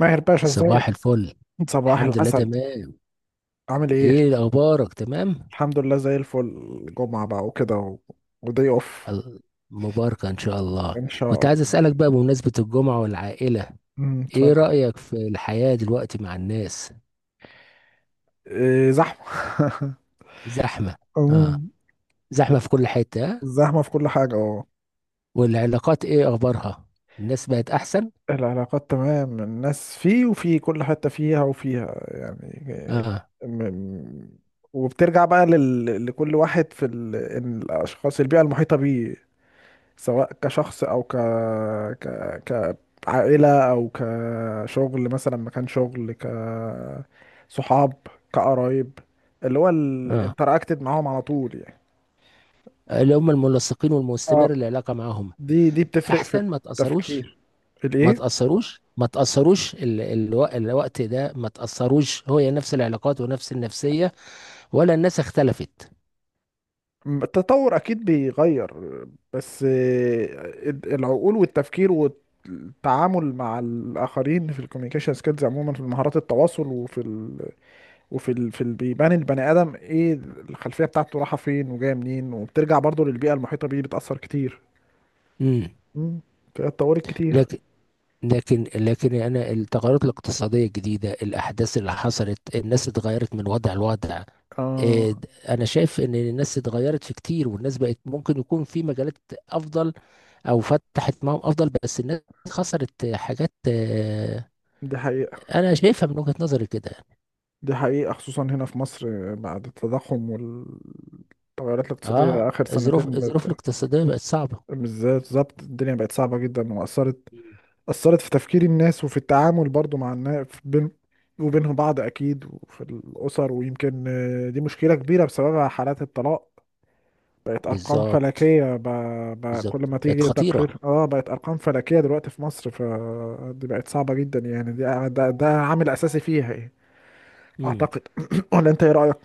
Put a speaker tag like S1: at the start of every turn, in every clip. S1: ماهر باشا، ازيك؟
S2: صباح الفل.
S1: صباح
S2: الحمد لله،
S1: العسل.
S2: تمام.
S1: عامل ايه؟
S2: ايه اخبارك؟ تمام.
S1: الحمد لله، زي الفل. جمعة بقى وكده ودي اوف.
S2: ال- مباركة ان شاء الله.
S1: ان شاء
S2: كنت عايز
S1: الله.
S2: اسألك بقى بمناسبة الجمعة والعائلة. ايه
S1: اتفضل.
S2: رأيك في الحياة دلوقتي مع الناس؟
S1: إيه، زحمة.
S2: زحمة. اه.
S1: أمم،
S2: زحمة في كل حتة آه؟
S1: زحمة في كل حاجة، اه.
S2: والعلاقات ايه اخبارها؟ الناس بقت احسن؟
S1: العلاقات تمام، الناس فيه وفي كل حتة، فيها وفيها يعني. إيه.
S2: اه.
S1: م... وبترجع بقى لكل واحد في الأشخاص، البيئة المحيطة بيه، سواء كشخص او ك ك كعائلة، او كشغل مثلا، مكان شغل، كصحاب، كقرايب، اللي هو
S2: اه.
S1: الانتراكتد معاهم على طول يعني.
S2: اللي هم الملصقين
S1: اه،
S2: والمستمر العلاقة معاهم.
S1: دي بتفرق في
S2: احسن ما تأثروش.
S1: التفكير.
S2: ما
S1: الايه؟
S2: تأثروش ما تأثروش الوقت ده ما تأثروش، هو نفس العلاقات ونفس النفسية، ولا الناس اختلفت؟
S1: التطور اكيد بيغير، بس العقول والتفكير والتعامل مع الاخرين في الكوميونيكيشن سكيلز، عموما في مهارات التواصل، وفي بيبان البني ادم ايه، الخلفيه بتاعته رايحه فين وجايه منين، وبترجع برضو للبيئه المحيطه بيه، بتاثر كتير.
S2: امم.
S1: امم. اتطورت كتير.
S2: لكن لكن انا، التغيرات الاقتصاديه الجديده، الاحداث اللي حصلت، الناس اتغيرت من وضع لوضع. إيه،
S1: اه،
S2: انا شايف ان الناس اتغيرت في كتير، والناس بقت ممكن يكون في مجالات افضل، او فتحت معاهم افضل، بس الناس خسرت حاجات.
S1: دي حقيقه.
S2: انا شايفها من وجهة نظري كده.
S1: دي حقيقه، خصوصا هنا في مصر. بعد التضخم والتغيرات
S2: اه،
S1: الاقتصاديه اخر
S2: الظروف
S1: سنتين
S2: الظروف
S1: بقت
S2: الاقتصاديه بقت صعبه.
S1: بالذات. بالظبط الدنيا بقت صعبه جدا واثرت.
S2: مم.
S1: اثرت في تفكير الناس، وفي التعامل برضو مع الناس بين وبينهم بعض اكيد، وفي الاسر، ويمكن دي مشكله كبيره بسببها حالات الطلاق بقت ارقام
S2: بالظبط،
S1: فلكيه. كل
S2: بالظبط
S1: ما
S2: بقت
S1: تيجي
S2: خطيره.
S1: تقرير، اه، بقت ارقام فلكيه دلوقتي في مصر. فدي بقت صعبه جدا يعني، دي ده عامل اساسي فيها يعني، اعتقد. ولا انت ايه رايك؟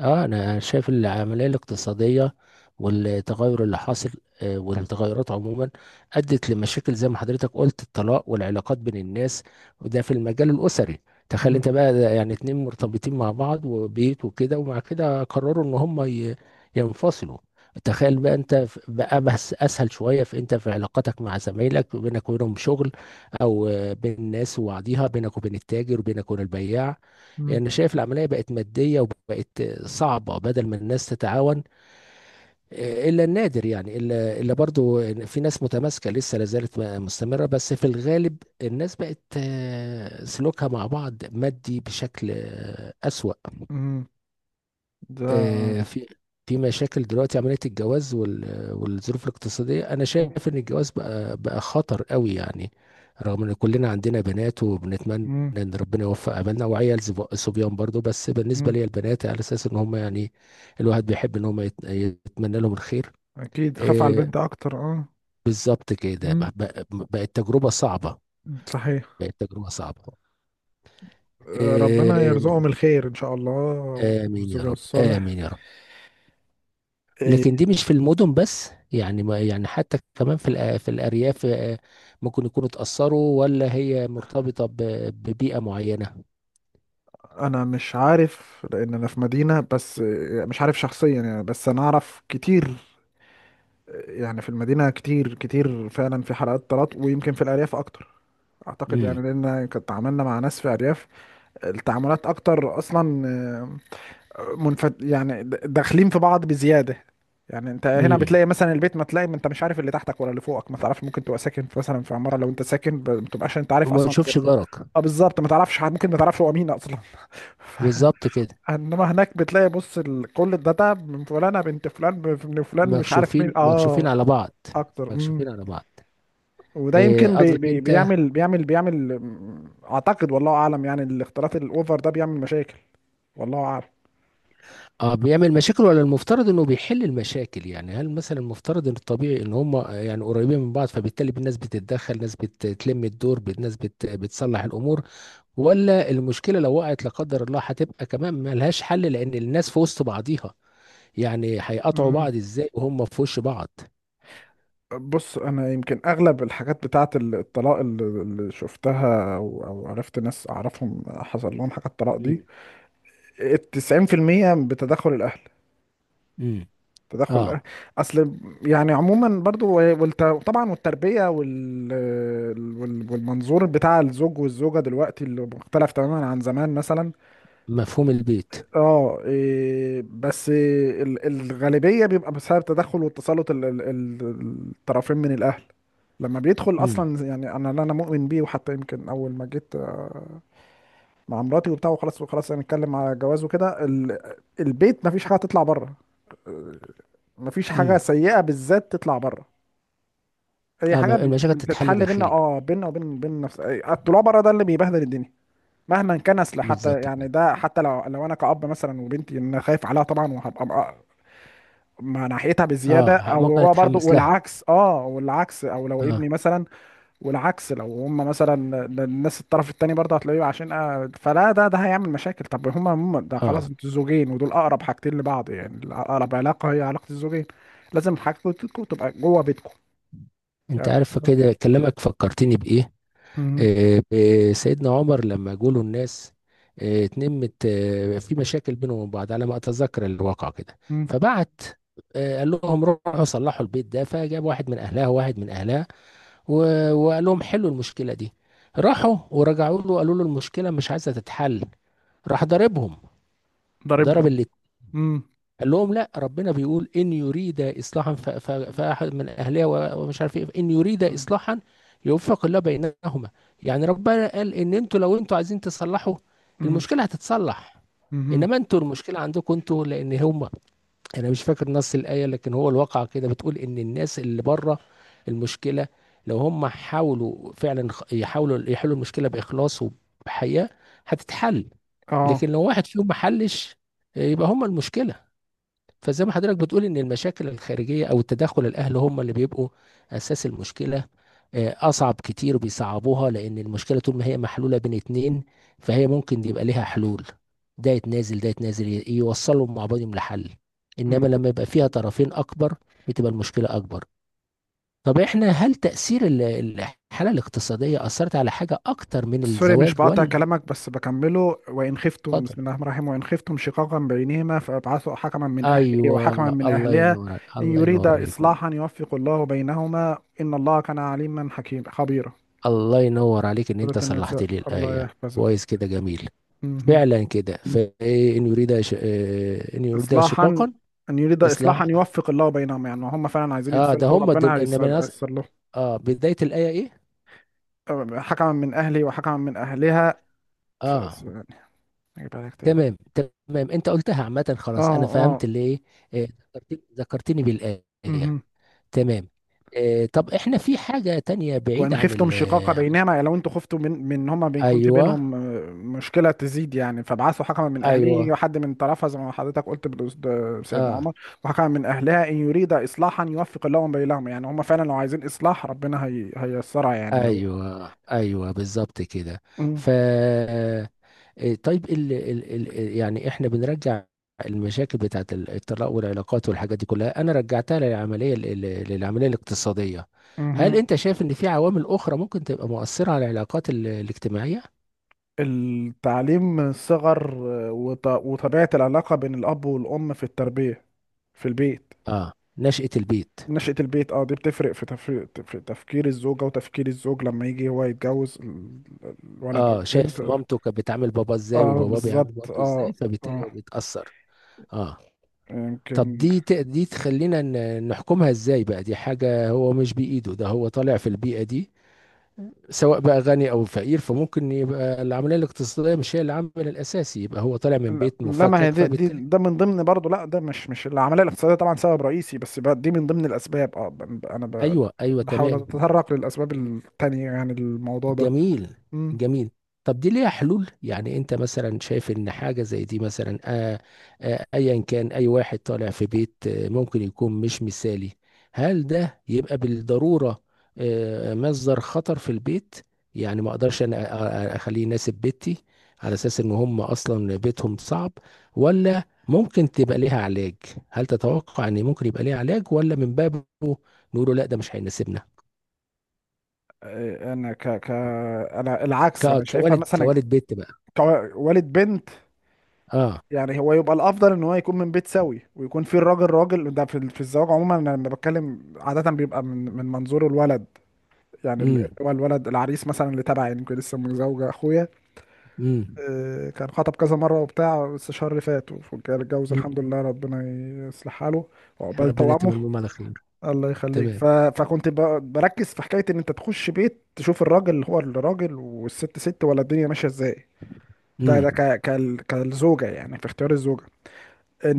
S2: اه، انا شايف العمليه الاقتصاديه والتغير اللي حاصل والتغيرات عموما ادت لمشاكل، زي ما حضرتك قلت، الطلاق والعلاقات بين الناس، وده في المجال الاسري. تخيل
S1: مم.
S2: انت بقى، ده يعني اتنين مرتبطين مع بعض وبيت وكده، ومع كده قرروا ان هم ينفصلوا. تخيل بقى انت بقى بس اسهل شويه، في انت في علاقتك مع زمايلك بينك وبينهم شغل، او بين الناس وبعضيها، بينك وبين التاجر وبينك وبين البياع.
S1: مم.
S2: يعني شايف العملية بقت مادية وبقت صعبة بدل ما الناس تتعاون إلا النادر، يعني إلا برضو إن في ناس متماسكة لسه لا زالت مستمرة، بس في الغالب الناس بقت سلوكها مع بعض مادي بشكل أسوأ.
S1: مم. ده.
S2: آه، في في مشاكل دلوقتي، عملية الجواز والظروف الاقتصادية. أنا شايف إن الجواز بقى خطر قوي يعني، رغم إن كلنا عندنا بنات وبنتمنى
S1: مم.
S2: إن ربنا يوفق، عملنا وعيال صبيان برضو، بس بالنسبة
S1: مم.
S2: لي البنات على أساس إن هم يعني، الواحد بيحب إن هم يتمنى لهم الخير.
S1: اكيد، خاف على
S2: آه،
S1: البنت اكتر، اه.
S2: بالظبط كده،
S1: مم.
S2: بقت تجربة صعبة.
S1: صحيح.
S2: بقت تجربة صعبة.
S1: آه، ربنا يرزقهم
S2: آه.
S1: الخير ان شاء الله.
S2: آمين يا
S1: والزوج
S2: رب،
S1: الصالح.
S2: آمين يا رب.
S1: إيه.
S2: لكن دي مش في المدن بس يعني، ما يعني حتى كمان في الأرياف ممكن يكونوا اتأثروا، ولا هي مرتبطة ببيئة معينة؟
S1: انا مش عارف، لان انا في مدينه بس. إيه، مش عارف شخصيا يعني، بس انا اعرف كتير. يعني في المدينة كتير كتير فعلا في حلقات طلاق، ويمكن في الأرياف أكتر أعتقد
S2: امم.
S1: يعني. لأن كنت تعاملنا مع ناس في أرياف، التعاملات أكتر أصلا. منفت يعني، داخلين في بعض بزيادة. يعني أنت هنا
S2: امم.
S1: بتلاقي مثلا البيت، ما تلاقي، ما أنت مش عارف اللي تحتك ولا اللي فوقك، ما تعرفش. ممكن تبقى ساكن في مثلا في عمارة، لو أنت ساكن ما تبقاش أنت عارف
S2: وما
S1: أصلا كده.
S2: تشوفش جارك.
S1: أه، بالظبط، ما تعرفش ممكن ما تعرفش هو مين أصلا.
S2: بالظبط كده.
S1: انما هناك بتلاقي، بص، كل الداتا من فلانة بنت فلان، من فلان مش عارف مين،
S2: مكشوفين
S1: اه.
S2: على بعض.
S1: اكتر.
S2: مكشوفين على بعض.
S1: وده
S2: آه،
S1: يمكن بي
S2: قصدك
S1: بي
S2: انت.
S1: بيعمل بيعمل بيعمل اعتقد، والله اعلم يعني، الاختلاط الاوفر ده بيعمل مشاكل، والله اعلم.
S2: اه، بيعمل مشاكل ولا المفترض انه بيحل المشاكل؟ يعني هل مثلا المفترض ان الطبيعي ان هم يعني قريبين من بعض، فبالتالي الناس بتتدخل، ناس بتلم الدور، ناس بتصلح الامور، ولا المشكله لو وقعت لا قدر الله هتبقى كمان ملهاش حل لان الناس في وسط بعضيها، يعني هيقطعوا
S1: مم.
S2: بعض ازاي وهم في وش بعض؟
S1: بص، انا يمكن اغلب الحاجات بتاعه الطلاق اللي شفتها، أو عرفت ناس اعرفهم حصل لهم حاجه الطلاق دي،
S2: مم.
S1: التسعين في المية بتدخل الاهل.
S2: امم.
S1: تدخل الاهل،
S2: اه،
S1: اصل. يعني عموما برضو طبعا والتربيه والمنظور بتاع الزوج والزوجه دلوقتي، اللي مختلف تماما عن زمان مثلا.
S2: مفهوم البيت.
S1: اه، إيه بس إيه، الغالبية بيبقى بسبب تدخل والتسلط الطرفين من الأهل لما بيدخل
S2: امم.
S1: أصلا. يعني أنا، اللي أنا مؤمن بيه، وحتى يمكن أول ما جيت مع مراتي وبتاع، وخلاص وخلاص، هنتكلم على جواز وكده، البيت مفيش حاجة تطلع بره. مفيش حاجة
S2: امم.
S1: سيئة بالذات تطلع بره. هي
S2: اه،
S1: حاجة
S2: المشاكل تتحل
S1: بتتحل بينا،
S2: داخلي.
S1: اه، بينا وبين نفس. الطلوع بره ده اللي بيبهدل الدنيا مهما كان اصل. حتى
S2: بالظبط
S1: يعني
S2: كده.
S1: ده، حتى لو انا كأب مثلا وبنتي، ان أنا خايف عليها طبعا، وهبقى مع ناحيتها
S2: اه،
S1: بزياده، او
S2: ممكن
S1: هو برضو
S2: اتحمس لها.
S1: والعكس، اه والعكس، او لو ابني
S2: اه.
S1: مثلا والعكس. لو هم مثلا الناس، الطرف التاني برضه هتلاقيه عشان فلا، ده هيعمل مشاكل. طب هما، هم ده
S2: اه.
S1: خلاص، انتوا زوجين، ودول اقرب حاجتين لبعض يعني، اقرب علاقه هي علاقه الزوجين. لازم حاجتكم تبقى جوه بيتكم.
S2: انت
S1: يعني.
S2: عارف كده، كلامك فكرتني بايه.
S1: مم.
S2: سيدنا عمر لما جوله الناس اتنمت في مشاكل بينهم وبين بعض، على ما اتذكر الواقع كده.
S1: مم.
S2: فبعت، قال لهم روحوا صلحوا البيت ده، فجاب واحد من اهلها وواحد من اهلها، وقال لهم حلوا المشكله دي. راحوا ورجعوا له قالوا له المشكله مش عايزه تتحل. راح ضربهم. ضرب
S1: ضاربهم.
S2: اللي.
S1: مم.
S2: قال لهم لا، ربنا بيقول ان يريد اصلاحا، فاحد من اهلها ومش عارف ايه، ان يريد
S1: مم.
S2: اصلاحا يوفق الله بينهما. يعني ربنا قال ان انتوا لو انتوا عايزين تصلحوا،
S1: مم.
S2: المشكله هتتصلح،
S1: مم.
S2: انما انتوا المشكله عندكم انتوا، لان هم. انا مش فاكر نص الايه لكن هو الواقع كده، بتقول ان الناس اللي بره المشكله، لو هم حاولوا فعلا يحاولوا يحلوا المشكله باخلاص وبحياء هتتحل،
S1: اه.
S2: لكن لو واحد فيهم ما حلش يبقى هم المشكله. فزي ما حضرتك بتقول، ان المشاكل الخارجيه او التدخل الاهلي هم اللي بيبقوا اساس المشكله. اصعب كتير، بيصعبوها، لان المشكله طول ما هي محلوله بين اتنين فهي ممكن يبقى ليها حلول. ده يتنازل، ده يتنازل، يوصلوا مع بعضهم لحل. انما لما يبقى فيها طرفين اكبر، بتبقى المشكله اكبر. طب احنا، هل تاثير الحاله الاقتصاديه اثرت على حاجه اكتر من
S1: سوري، مش
S2: الزواج،
S1: بقطع
S2: ولا؟
S1: كلامك بس بكمله. وإن خفتم،
S2: اتفضل.
S1: بسم الله الرحمن الرحيم، وإن خفتم شقاقا بينهما فابعثوا حكما من أهله
S2: ايوه،
S1: وحكما من
S2: الله
S1: أهلها،
S2: ينور،
S1: إن
S2: الله ينور
S1: يريدا
S2: عليكم.
S1: إصلاحا يوفق الله بينهما، إن الله كان عليما حكيما خبيرا.
S2: الله ينور عليك، ان
S1: سورة
S2: انت صلحت
S1: النساء،
S2: لي
S1: الله
S2: الايه
S1: يحفظك.
S2: كويس كده، جميل.
S1: مهم.
S2: فعلا كده، فايه ان يريد ان يريد
S1: إصلاحا.
S2: شقاقا.
S1: أن يريد إصلاحا
S2: اصلاح.
S1: يوفق الله بينهما، يعني هم فعلا عايزين
S2: اه، ده
S1: يتصلحوا،
S2: هم
S1: ربنا
S2: دول، انما
S1: هيصلح
S2: اه، بدايه الايه ايه؟
S1: لهم. حكما من أهلي وحكما من أهلها. ف...
S2: اه،
S1: يعني، أجيبها لك تاني.
S2: تمام، تمام، انت قلتها عامه، خلاص
S1: اه،
S2: انا
S1: اه.
S2: فهمت اللي ايه. آه، ذكرتني بالايه.
S1: مهم.
S2: تمام. طب احنا في حاجه تانية
S1: وان
S2: بعيده عن
S1: خفتم شقاق
S2: عن-
S1: بينهما، يعني لو انتوا خفتوا من إن هما بيكون في
S2: ايوه.
S1: بينهم مشكله تزيد يعني. فابعثوا حكما من اهله،
S2: ايوه.
S1: يجي حد من طرفها، زي ما حضرتك قلت. ده سيدنا
S2: اه.
S1: عمر. وحكما من اهلها، ان يريد اصلاحا يوفق الله بينهما، يعني هما فعلا لو عايزين اصلاح، ربنا هييسرها يعني لو.
S2: ايوه، ايوه، بالظبط كده.
S1: مم.
S2: ف إيه، طيب، ال ال ال يعني احنا بنرجع، المشاكل بتاعت الطلاق والعلاقات والحاجات دي كلها، انا رجعتها للعمليه للعمليه الاقتصاديه. هل
S1: مهم.
S2: انت شايف ان في عوامل اخرى ممكن تبقى مؤثره على العلاقات الاجتماعيه؟
S1: التعليم من الصغر، وطبيعه العلاقه بين الاب والام في التربيه في البيت.
S2: اه، نشأة البيت.
S1: نشأة البيت، اه، دي بتفرق في تفريق، في تفكير الزوجة وتفكير الزوج لما يجي هو يتجوز الولد أو
S2: اه،
S1: البنت.
S2: شايف مامته كانت بتعامل بابا ازاي
S1: اه،
S2: وباباه بيعامل
S1: بالظبط،
S2: مامته ازاي،
S1: اه.
S2: فبالتالي هو
S1: اه.
S2: بيتأثر. اه. طب
S1: يمكن.
S2: دي دي تخلينا نحكمها ازاي بقى، دي حاجه هو مش بايده، ده هو طالع في البيئه دي سواء بقى غني او فقير، فممكن يبقى العمليه الاقتصاديه مش هي العامل الاساسي، يبقى هو طالع من
S1: لا،
S2: بيت
S1: لا، ما هي
S2: مفكك
S1: دي
S2: فبالتالي.
S1: ده من ضمن برضه. لا، ده مش العملية الاقتصادية طبعا سبب رئيسي، بس بقى دي من ضمن الأسباب، اه. أنا
S2: ايوه، ايوه،
S1: بحاول
S2: تمام.
S1: أتطرق للأسباب التانية يعني، الموضوع ده.
S2: جميل.
S1: مم.
S2: جميل. طب دي ليها حلول؟ يعني انت مثلا شايف ان حاجة زي دي مثلا، ايا كان اي واحد طالع في بيت ممكن يكون مش مثالي، هل ده يبقى بالضرورة مصدر خطر في البيت؟ يعني ما اقدرش انا اخليه يناسب بيتي على اساس ان هم اصلا بيتهم صعب، ولا ممكن تبقى ليها علاج؟ هل تتوقع ان ممكن يبقى ليها علاج، ولا من بابه نقوله لا، ده مش هيناسبنا؟
S1: آه، أنا ك ك أنا العكس، أنا شايفها
S2: كوالد،
S1: مثلا
S2: كوالد بيت بقى.
S1: كوالد بنت.
S2: اه.
S1: يعني هو يبقى الافضل ان هو يكون من بيت سوي، ويكون في، الراجل راجل. ده في الزواج عموما، انا لما بتكلم عاده بيبقى من من منظور الولد يعني،
S2: امم.
S1: هو الولد العريس مثلا اللي تبعي يعني. يمكن لسه متزوجه اخويا،
S2: امم.
S1: كان خطب كذا مره وبتاع، بس الشهر اللي فات وكان اتجوز،
S2: امم.
S1: الحمد لله. ربنا يصلح حاله، وعقبال
S2: ربنا
S1: توامه.
S2: يتمم لهم على خير.
S1: الله يخليك.
S2: تمام.
S1: فكنت بركز في حكايه ان انت تخش بيت تشوف الراجل هو الراجل والست ست، ولا الدنيا ماشيه ازاي. ده،
S2: امم.
S1: ده كالزوجه يعني، في اختيار الزوجه.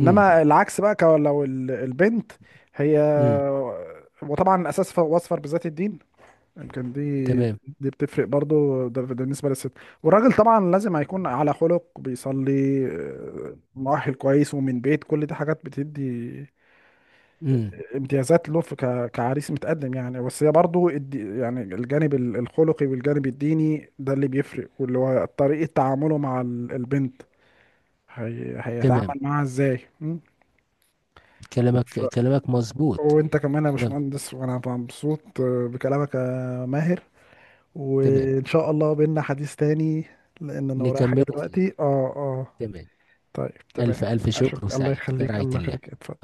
S2: امم.
S1: العكس بقى، لو البنت هي،
S2: امم.
S1: وطبعا اساس واصفر بذات الدين، يمكن دي.
S2: تمام.
S1: دي بتفرق برضو. ده، ده بالنسبه للست. والراجل طبعا لازم هيكون على خلق، بيصلي، مؤهل كويس، ومن بيت. كل دي حاجات بتدي
S2: امم.
S1: امتيازات له في كعريس متقدم يعني. بس هي برضو يعني الجانب الخلقي والجانب الديني، ده اللي بيفرق، واللي هو طريقه تعامله مع البنت،
S2: تمام.
S1: هيتعامل معاها ازاي?
S2: كلامك مظبوط.
S1: وانت كمان يا
S2: كلام-
S1: باشمهندس، وانا مبسوط بكلامك يا ماهر.
S2: تمام.
S1: وان شاء الله بينا حديث تاني، لان انا ورايا حاجة
S2: نكمله فيه.
S1: دلوقتي، اه، اه.
S2: تمام.
S1: طيب،
S2: ألف
S1: تمام.
S2: ألف
S1: اشوف.
S2: شكر،
S1: الله
S2: وسعيد
S1: يخليك،
S2: برعاية
S1: الله
S2: الله.
S1: يخليك، اتفضل.